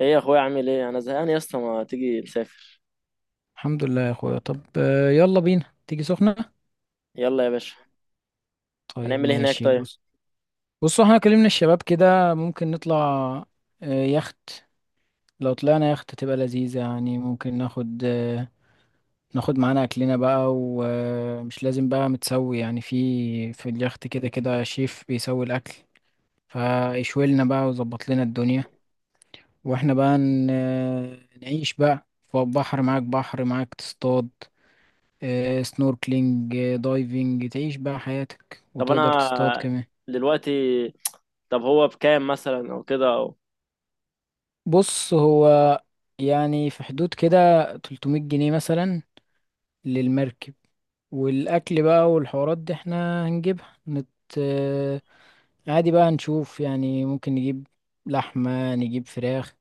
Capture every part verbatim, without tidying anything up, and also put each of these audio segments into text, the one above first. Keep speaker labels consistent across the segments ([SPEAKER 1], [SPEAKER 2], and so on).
[SPEAKER 1] ايه يا اخويا، عامل ايه؟ انا زهقان يا اسطى، ما تيجي نسافر؟
[SPEAKER 2] الحمد لله يا اخويا. طب آه، يلا بينا تيجي سخنة.
[SPEAKER 1] يلا يا باشا.
[SPEAKER 2] طيب
[SPEAKER 1] هنعمل ايه هناك
[SPEAKER 2] ماشي،
[SPEAKER 1] طيب؟
[SPEAKER 2] بص. بص احنا كلمنا الشباب كده ممكن نطلع آه، يخت. لو طلعنا يخت تبقى لذيذة، يعني ممكن ناخد آه، ناخد معانا اكلنا بقى، ومش لازم بقى متسوي يعني في في اليخت كده كده شيف بيسوي الاكل، فيشوي لنا بقى ويظبط لنا الدنيا. واحنا بقى ن- آه، نعيش بقى فوق، بحر معاك، بحر معاك تصطاد سنوركلينج، دايفنج، تعيش بقى حياتك
[SPEAKER 1] طب
[SPEAKER 2] وتقدر تصطاد
[SPEAKER 1] انا
[SPEAKER 2] كمان.
[SPEAKER 1] دلوقتي طب هو بكام مثلا، او كده او
[SPEAKER 2] بص هو يعني في حدود كده ثلاث مية جنيه مثلا للمركب. والأكل بقى والحوارات دي احنا هنجيبها نت... آه، عادي بقى نشوف، يعني ممكن نجيب لحمة، نجيب فراخ.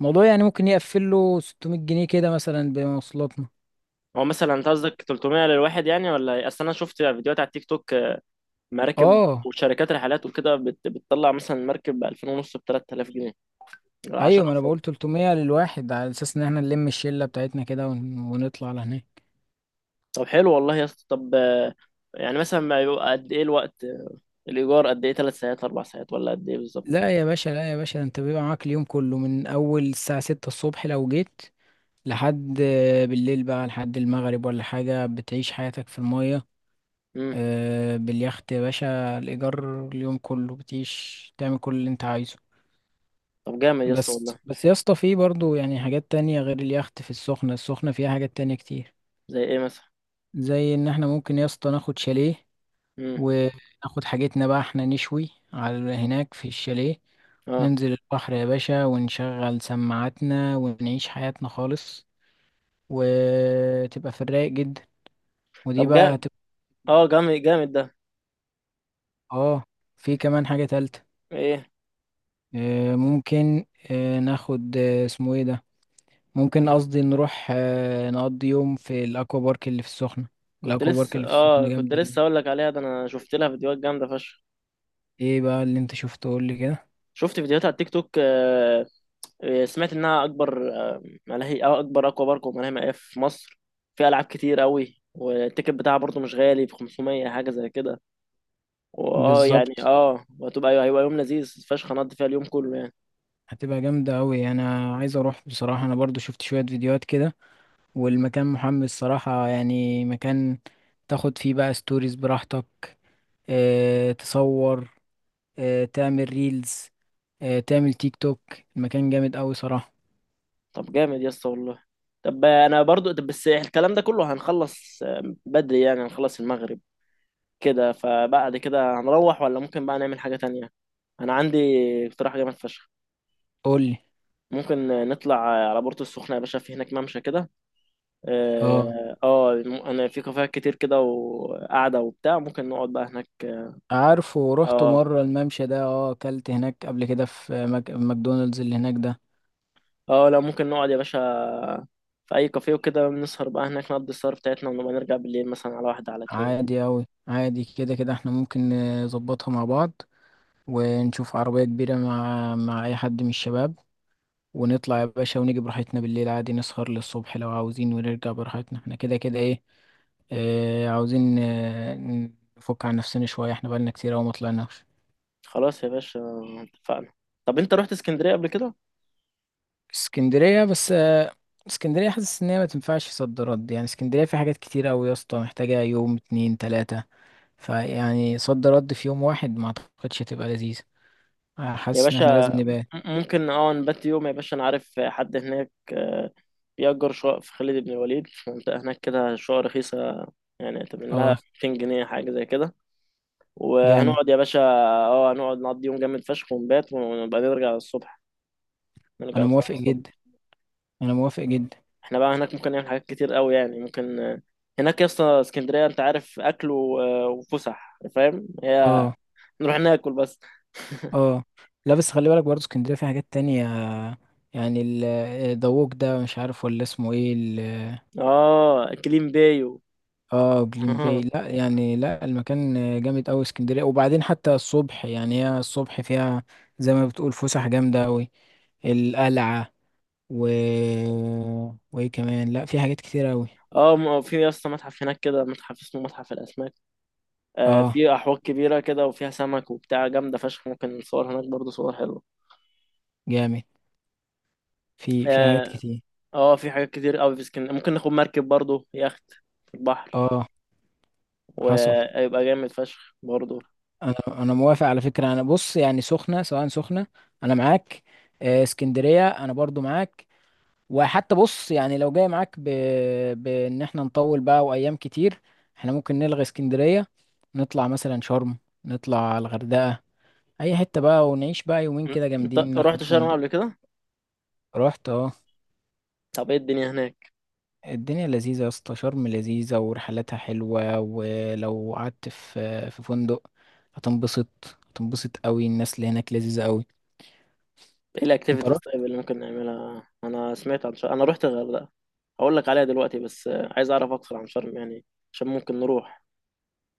[SPEAKER 2] الموضوع يعني ممكن يقفل له ست مية جنيه كده مثلا بمواصلاتنا.
[SPEAKER 1] هو مثلا انت قصدك ثلاثمئة للواحد يعني، ولا ايه؟ اصل انا شفت فيديوهات على التيك توك، مراكب
[SPEAKER 2] اه،
[SPEAKER 1] وشركات رحلات وكده بت... بتطلع مثلا مركب ب ألفين ونص، ب تلات آلاف جنيه،
[SPEAKER 2] ايوه،
[SPEAKER 1] 10
[SPEAKER 2] ما انا
[SPEAKER 1] افراد.
[SPEAKER 2] بقول ثلاثمية للواحد، على اساس ان احنا نلم الشلة بتاعتنا كده ون... ونطلع لهناك.
[SPEAKER 1] طب حلو والله يا اسطى. طب، آه، يعني مثلا ما يبقى قد ايه الوقت، آه، الايجار قد ايه؟ 3 ساعات، 4 ساعات، ولا قد ايه بالظبط؟
[SPEAKER 2] لا يا باشا، لا يا باشا، ده انت بيبقى معاك اليوم كله من اول الساعة ستة الصبح لو جيت لحد آه، بالليل بقى، لحد المغرب ولا حاجة، بتعيش حياتك في المية،
[SPEAKER 1] امم.
[SPEAKER 2] آه، باليخت يا باشا. الإيجار اليوم كله، بتعيش تعمل كل اللي انت عايزه.
[SPEAKER 1] طب جامد يا اسطى والله.
[SPEAKER 2] بس بس يا اسطى، في برضه يعني حاجات تانية غير اليخت في السخنة. السخنة فيها حاجات تانية كتير،
[SPEAKER 1] زي ايه مثلا؟
[SPEAKER 2] زي ان احنا ممكن يا اسطى ناخد شاليه،
[SPEAKER 1] امم.
[SPEAKER 2] وناخد حاجتنا بقى احنا نشوي على هناك في الشاليه،
[SPEAKER 1] اه.
[SPEAKER 2] ننزل البحر يا باشا، ونشغل سماعاتنا، ونعيش حياتنا خالص. وتبقى في الرايق جدا. ودي
[SPEAKER 1] طب جا
[SPEAKER 2] بقى هتبقى.
[SPEAKER 1] اه جامد جامد ده.
[SPEAKER 2] اه، في كمان حاجة تالتة.
[SPEAKER 1] ايه؟
[SPEAKER 2] آه، ممكن آه، ناخد آه، اسمه ايه ده، ممكن قصدي نروح آه، نقضي يوم في الاكوا بارك اللي في السخنة.
[SPEAKER 1] كنت
[SPEAKER 2] الاكوا بارك
[SPEAKER 1] لسه
[SPEAKER 2] اللي في السخنة
[SPEAKER 1] اه كنت
[SPEAKER 2] جامدة أوي.
[SPEAKER 1] لسه اقول لك عليها. ده انا شفت لها فيديوهات جامده فشخ.
[SPEAKER 2] ايه بقى اللي انت شفته؟ قول لي كده.
[SPEAKER 1] شفت فيديوهات على التيك توك آه آه، سمعت انها اكبر آه ملاهي، او اكبر اكوا بارك وملاهي مائية في مصر. فيها العاب كتير قوي، والتيكت بتاعها برضو مش غالي، ب خمسمية حاجه زي كده. واه يعني
[SPEAKER 2] بالظبط،
[SPEAKER 1] اه وهتبقى ايوه، هيبقى يوم لذيذ فشخ، هنقضي فيها اليوم كله يعني.
[SPEAKER 2] هتبقى جامدة أوي. أنا عايز أروح بصراحة، أنا برضو شفت شوية فيديوهات كده، والمكان محمس صراحة. يعني مكان تاخد فيه بقى ستوريز براحتك، اه تصور، اه تعمل ريلز، اه تعمل تيك توك. المكان جامد أوي صراحة.
[SPEAKER 1] طب جامد يا اسطى والله. طب انا برضو طب بس الكلام ده كله هنخلص آه، بدري يعني، هنخلص المغرب كده، فبعد كده هنروح ولا ممكن بقى نعمل حاجة تانية؟ أنا عندي اقتراح جامد فشخ.
[SPEAKER 2] قولي.
[SPEAKER 1] ممكن نطلع على بورتو السخنة يا باشا، في هناك ممشى كده
[SPEAKER 2] اه
[SPEAKER 1] اه آه، أنا، في كافيهات كتير كده وقعدة وبتاع، ممكن نقعد بقى هناك.
[SPEAKER 2] عارفه، روحته
[SPEAKER 1] اه،
[SPEAKER 2] مرة الممشى ده. اه، أكلت هناك قبل كده في مك... ماكدونالدز اللي هناك ده.
[SPEAKER 1] اه، لا ممكن نقعد يا باشا في أي كافيه وكده، نسهر بقى هناك، نقضي السهر بتاعتنا ونبقى نرجع بالليل مثلا على واحدة على اتنين كده.
[SPEAKER 2] عادي أوي، عادي، كده كده احنا ممكن نظبطها مع بعض، ونشوف عربية كبيرة مع مع أي حد من الشباب، ونطلع يا باشا، ونيجي براحتنا بالليل عادي، نسهر للصبح لو عاوزين، ونرجع براحتنا. احنا كده كده ايه، اه عاوزين آه، نفك عن نفسنا شوية، احنا بقالنا كتير أوي ما طلعناش.
[SPEAKER 1] خلاص يا باشا، اتفقنا. طب أنت رحت اسكندرية قبل كده؟
[SPEAKER 2] اسكندرية؟ بس آه، اسكندرية حاسس ان هي ما تنفعش صد رد، يعني اسكندرية في حاجات كتير أوي يا اسطى، محتاجة يوم اتنين تلاتة. فيعني صد رد في يوم واحد، ما اعتقدش هتبقى لذيذة. آه،
[SPEAKER 1] يا
[SPEAKER 2] حاسس ان احنا
[SPEAKER 1] باشا،
[SPEAKER 2] لازم نبقى.
[SPEAKER 1] م- ممكن اه نبات يوم يا باشا، انا عارف حد هناك، آه، بيأجر شقق في خالد بن الوليد، في منطقة هناك كده شقق رخيصة، يعني تمن لها
[SPEAKER 2] اه
[SPEAKER 1] ميتين جنيه حاجة زي كده.
[SPEAKER 2] جامد.
[SPEAKER 1] وهنقعد يا باشا. اه، هنقعد نقضي يوم جامد فشخ ونبات، ونبقى نرجع الصبح، نرجع
[SPEAKER 2] انا
[SPEAKER 1] القاهرة
[SPEAKER 2] موافق
[SPEAKER 1] الصبح.
[SPEAKER 2] جدا، انا موافق جدا.
[SPEAKER 1] احنا بقى هناك ممكن نعمل حاجات كتير قوي يعني، ممكن، آه، هناك يا اسطى اسكندرية، انت عارف، أكل و- آه، وفسح، فاهم؟ هي
[SPEAKER 2] اه.
[SPEAKER 1] نروح ناكل بس.
[SPEAKER 2] اه لا، بس خلي بالك برضه اسكندريه فيها حاجات تانية. يعني ال- دووك ده، مش عارف ولا اسمه ايه ال-
[SPEAKER 1] اه، كليم بايو.
[SPEAKER 2] اه جليم باي. لا يعني، لا، المكان جامد قوي اسكندريه. وبعدين حتى الصبح، يعني هي الصبح فيها زي ما بتقول فسح جامده قوي، القلعه، و وايه كمان، لا في حاجات كتير قوي.
[SPEAKER 1] اه، م- في يا اسطى متحف هناك كده، متحف اسمه متحف الأسماك. آه،
[SPEAKER 2] اه
[SPEAKER 1] في احواض كبيره كده، وفيها سمك وبتاع جامده فشخ، ممكن نصور هناك برضو صور حلوه.
[SPEAKER 2] جامد. في في حاجات
[SPEAKER 1] اه.
[SPEAKER 2] كتير.
[SPEAKER 1] آه، في حاجات كتير قوي في اسكندريه. ممكن ناخد مركب برضو، يخت في البحر،
[SPEAKER 2] اه حصل.
[SPEAKER 1] ويبقى جامد فشخ برضو.
[SPEAKER 2] انا انا موافق على فكره. انا بص يعني سخنه، سواء سخنه انا معاك، آه، اسكندريه انا برضو معاك. وحتى بص، يعني لو جاي معاك ب... بان احنا نطول بقى وايام كتير، احنا ممكن نلغي اسكندريه، نطلع مثلا شرم، نطلع الغردقه، اي حته بقى، ونعيش بقى يومين
[SPEAKER 1] إن-
[SPEAKER 2] كده
[SPEAKER 1] انت
[SPEAKER 2] جامدين،
[SPEAKER 1] رحت
[SPEAKER 2] ناخد
[SPEAKER 1] شرم
[SPEAKER 2] فندق.
[SPEAKER 1] قبل كده؟
[SPEAKER 2] رحت اه.
[SPEAKER 1] طب ايه الدنيا هناك؟
[SPEAKER 2] الدنيا لذيذه يا اسطى، شرم لذيذه، ورحلاتها حلوه، ولو قعدت في في فندق هتنبسط، هتنبسط قوي. الناس اللي هناك لذيذه قوي.
[SPEAKER 1] ايه
[SPEAKER 2] انت؟
[SPEAKER 1] الاكتيفيتيز طيب اللي ممكن نعملها؟ انا سمعت عن شرم. انا رحت الغردقه، هقول لك عليها دلوقتي، بس آه، عايز اعرف اكتر عن شرم يعني، عشان ممكن نروح.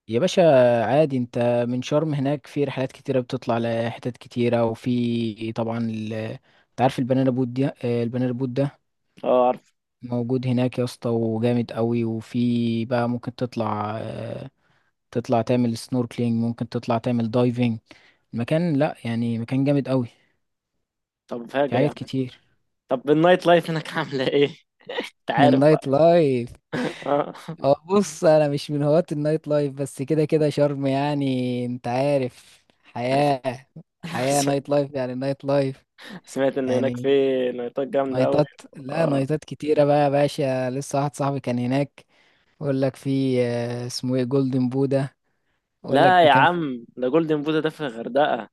[SPEAKER 2] يا باشا عادي، انت من شرم هناك في رحلات كتيرة بتطلع لحتت كتيرة، وفي طبعا ال... انت عارف البنانا بوت دي، آه، البنانا بوت ده
[SPEAKER 1] اه، عارف.
[SPEAKER 2] موجود هناك يا اسطى، وجامد قوي. وفي بقى ممكن تطلع آه، تطلع تعمل سنوركلينج، ممكن تطلع تعمل دايفنج. المكان لا يعني، مكان جامد قوي،
[SPEAKER 1] طب
[SPEAKER 2] في
[SPEAKER 1] فاجر
[SPEAKER 2] حاجات
[SPEAKER 1] يعني؟
[SPEAKER 2] كتير.
[SPEAKER 1] طب النايت لايف هناك عامله ايه؟ انت عارف
[SPEAKER 2] النايت
[SPEAKER 1] بقى.
[SPEAKER 2] لايف.
[SPEAKER 1] اه،
[SPEAKER 2] اه بص، انا مش من هواة النايت لايف، بس كده كده شرم يعني انت عارف، حياة
[SPEAKER 1] أنا
[SPEAKER 2] حياة
[SPEAKER 1] آسف.
[SPEAKER 2] نايت لايف، يعني نايت لايف،
[SPEAKER 1] سمعت ان هناك في
[SPEAKER 2] يعني
[SPEAKER 1] نايتات جامده قوي.
[SPEAKER 2] نايتات.
[SPEAKER 1] مم.
[SPEAKER 2] لا
[SPEAKER 1] اه.
[SPEAKER 2] نايتات كتيرة بقى يا باشا. لسه واحد صاحبي كان هناك يقول لك في آه، اسمه ايه، جولدن بودا، يقول لك
[SPEAKER 1] لا يا
[SPEAKER 2] مكان في.
[SPEAKER 1] عم، ده جولدن بودا ده في الغردقه.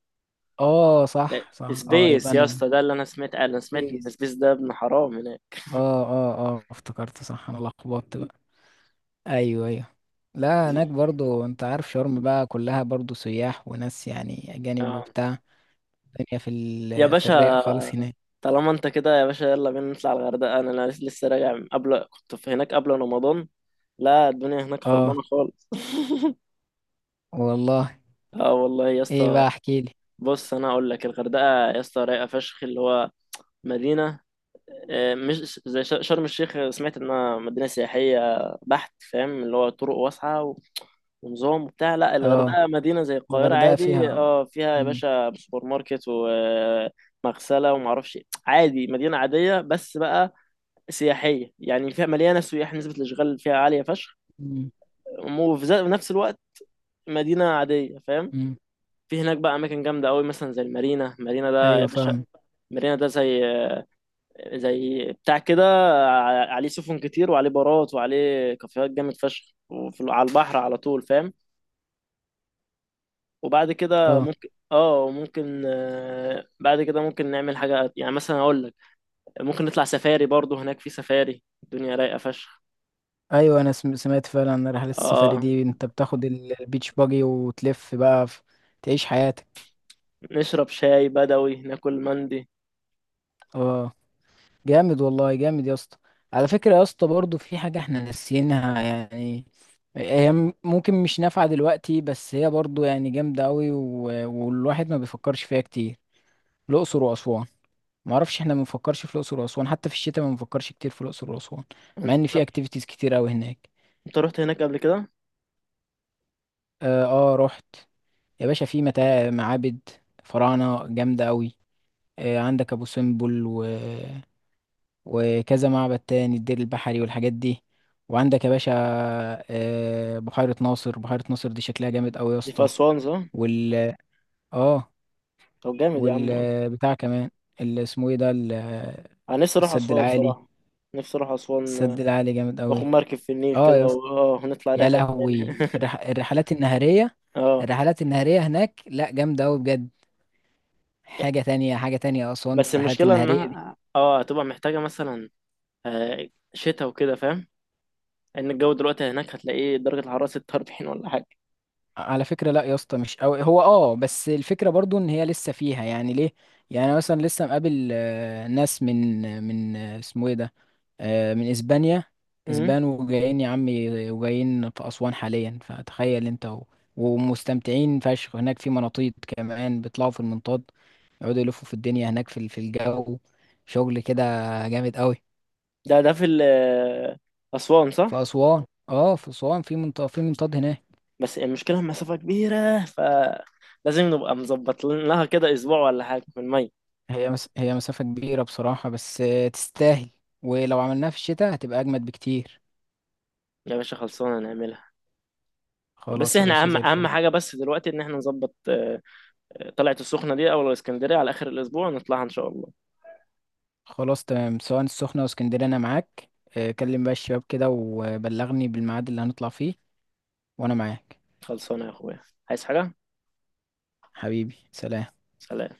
[SPEAKER 2] اه
[SPEAKER 1] لا،
[SPEAKER 2] صح، صح، اه يبقى
[SPEAKER 1] سبيس يا
[SPEAKER 2] انا
[SPEAKER 1] اسطى ده اللي انا سمعت، انا سمعت ان
[SPEAKER 2] بيس.
[SPEAKER 1] سبيس ده ابن حرام هناك.
[SPEAKER 2] اه اه اه افتكرت صح، انا لخبطت بقى. ايوه، ايوه. لا هناك برضو، انت عارف شرم بقى كلها برضو سياح وناس يعني اجانب
[SPEAKER 1] آه.
[SPEAKER 2] وبتاع. الدنيا في
[SPEAKER 1] يا
[SPEAKER 2] ال في
[SPEAKER 1] باشا،
[SPEAKER 2] الرايق خالص هناك.
[SPEAKER 1] طالما انت كده يا باشا، يلا بينا نطلع الغردقه. انا أنا لسه راجع من قبل، كنت في هناك قبل رمضان. لا، الدنيا هناك
[SPEAKER 2] اه
[SPEAKER 1] خربانه خالص.
[SPEAKER 2] والله.
[SPEAKER 1] اه، والله يا
[SPEAKER 2] ايه
[SPEAKER 1] اسطى.
[SPEAKER 2] بقى؟ احكيلي.
[SPEAKER 1] بص انا اقول لك، الغردقه يا اسطى رايقه فشخ، اللي هو مدينه، آه، مش زي ش- شرم الشيخ. سمعت انها مدينه سياحيه بحت، فاهم؟ اللي هو طرق واسعه و- ونظام وبتاع. لا
[SPEAKER 2] اه.
[SPEAKER 1] الغردقه مدينه زي القاهره
[SPEAKER 2] الغردقة
[SPEAKER 1] عادي،
[SPEAKER 2] فيها.
[SPEAKER 1] اه فيها يا
[SPEAKER 2] مم.
[SPEAKER 1] باشا سوبر ماركت ومغسله ومعرفش إيه. عادي، مدينه عاديه، بس بقى سياحيه، يعني فيها مليانه سياح، نسبه الاشغال فيها عاليه فشخ،
[SPEAKER 2] مم.
[SPEAKER 1] وفي ذات- في نفس الوقت مدينه عاديه، فاهم؟
[SPEAKER 2] مم.
[SPEAKER 1] في هناك بقى اماكن جامده قوي، مثلا زي المارينا. مارينا ده يا
[SPEAKER 2] ايوه
[SPEAKER 1] باشا،
[SPEAKER 2] فاهم.
[SPEAKER 1] مارينا ده زي زي بتاع كده، ع- عليه سفن كتير، وعليه بارات، وعليه كافيهات جامد فشخ، وفي على البحر على طول، فاهم؟ وبعد كده
[SPEAKER 2] اه.
[SPEAKER 1] ممكن، اه ممكن آه، بعد كده ممكن نعمل حاجة يعني، مثلا اقول لك، ممكن نطلع سفاري برضو هناك، في سفاري الدنيا رايقة فشخ.
[SPEAKER 2] ايوه انا سم- سمعت فعلا عن رحلة السفاري
[SPEAKER 1] اه،
[SPEAKER 2] دي. انت بتاخد ال- البيتش باجي وتلف بقى في... تعيش حياتك.
[SPEAKER 1] نشرب شاي بدوي، ناكل مندي.
[SPEAKER 2] اه جامد، والله جامد يا اسطى. على فكرة يا اسطى، برضو في حاجة احنا ناسيينها. يعني هي م- ممكن مش نافعة دلوقتي، بس هي برضو يعني جامدة قوي، و... والواحد ما بيفكرش فيها كتير: الأقصر وأسوان. معرفش، احنا ما بنفكرش في الأقصر وأسوان، حتى في الشتاء ما بنفكرش كتير في الأقصر وأسوان، مع ان
[SPEAKER 1] انت
[SPEAKER 2] في اكتيفيتيز كتير قوي هناك.
[SPEAKER 1] انت رحت هناك قبل كده؟
[SPEAKER 2] اه آه، رحت. يا باشا في متاع معابد، فراعنة جامدة قوي، آه، عندك ابو سمبل و... وكذا معبد تاني، الدير البحري والحاجات دي. وعندك يا باشا آه، بحيرة ناصر. بحيرة ناصر دي شكلها جامد قوي يا
[SPEAKER 1] دي في
[SPEAKER 2] اسطى.
[SPEAKER 1] اسوان صح؟
[SPEAKER 2] وال اه
[SPEAKER 1] طب جامد يا عم.
[SPEAKER 2] والبتاع كمان اللي اسمه ايه ده، ال-
[SPEAKER 1] انا نفسي اروح
[SPEAKER 2] السد
[SPEAKER 1] اسوان
[SPEAKER 2] العالي.
[SPEAKER 1] صراحة. نفسي اروح اسوان،
[SPEAKER 2] السد
[SPEAKER 1] آه،
[SPEAKER 2] العالي جامد
[SPEAKER 1] واخد
[SPEAKER 2] قوي.
[SPEAKER 1] مركب في النيل
[SPEAKER 2] اه
[SPEAKER 1] كده
[SPEAKER 2] يا
[SPEAKER 1] و-
[SPEAKER 2] اسطى.
[SPEAKER 1] اه ونطلع
[SPEAKER 2] يا
[SPEAKER 1] رحلة
[SPEAKER 2] لهوي،
[SPEAKER 1] تاني.
[SPEAKER 2] الرح... الرحلات النهارية،
[SPEAKER 1] اه،
[SPEAKER 2] الرحلات النهارية هناك لا جامدة قوي بجد. حاجة تانية، حاجة تانية أسوان في
[SPEAKER 1] بس
[SPEAKER 2] الرحلات
[SPEAKER 1] المشكلة
[SPEAKER 2] النهارية دي.
[SPEAKER 1] انها اه هتبقى محتاجة مثلا آه، شتاء وكده، فاهم؟ ان الجو دلوقتي هناك هتلاقيه درجة الحرارة ستة واربعين ولا حاجة.
[SPEAKER 2] على فكرة لا يا اسطى مش قوي هو، اه. بس الفكرة برضو ان هي لسه فيها يعني ليه. يعني أنا مثلا لسه مقابل آه، ناس من من آه، اسمه ايه ده، آه، من اسبانيا.
[SPEAKER 1] امم.
[SPEAKER 2] اسبان، وجايين يا عمي، وجايين في اسوان حاليا. فتخيل انت، و... ومستمتعين فشخ هناك، في مناطيد كمان بيطلعوا في المنطاد، يقعدوا يلفوا في الدنيا هناك في ال- في الجو. شغل كده جامد قوي.
[SPEAKER 1] ده ده في ال- آه، أسوان
[SPEAKER 2] في
[SPEAKER 1] صح؟
[SPEAKER 2] اسوان، اه في اسوان، في منطاد، في منطاد هناك.
[SPEAKER 1] بس المشكلة المسافة كبيرة، فلازم نبقى مظبط لها كده اسبوع ولا حاجة من المية.
[SPEAKER 2] هي مس... هي مسافة كبيرة بصراحة، بس آه، تستاهل. ولو عملناها في الشتاء هتبقى أجمد بكتير.
[SPEAKER 1] يا باشا خلصانة نعملها. بس
[SPEAKER 2] خلاص يا
[SPEAKER 1] احنا
[SPEAKER 2] باشا
[SPEAKER 1] اهم
[SPEAKER 2] زي
[SPEAKER 1] اهم
[SPEAKER 2] الفل.
[SPEAKER 1] حاجة بس دلوقتي، ان احنا نظبط، آه، آه، طلعة السخنة دي او الاسكندرية على اخر الاسبوع، نطلعها ان شاء الله.
[SPEAKER 2] خلاص تمام، سواء السخنة أو اسكندرية أنا معاك. آه، كلم بقى الشباب كده وبلغني بالميعاد اللي هنطلع فيه، وأنا معاك.
[SPEAKER 1] خلصانة يا اخويا. عايز حاجة؟
[SPEAKER 2] حبيبي سلام.
[SPEAKER 1] سلام.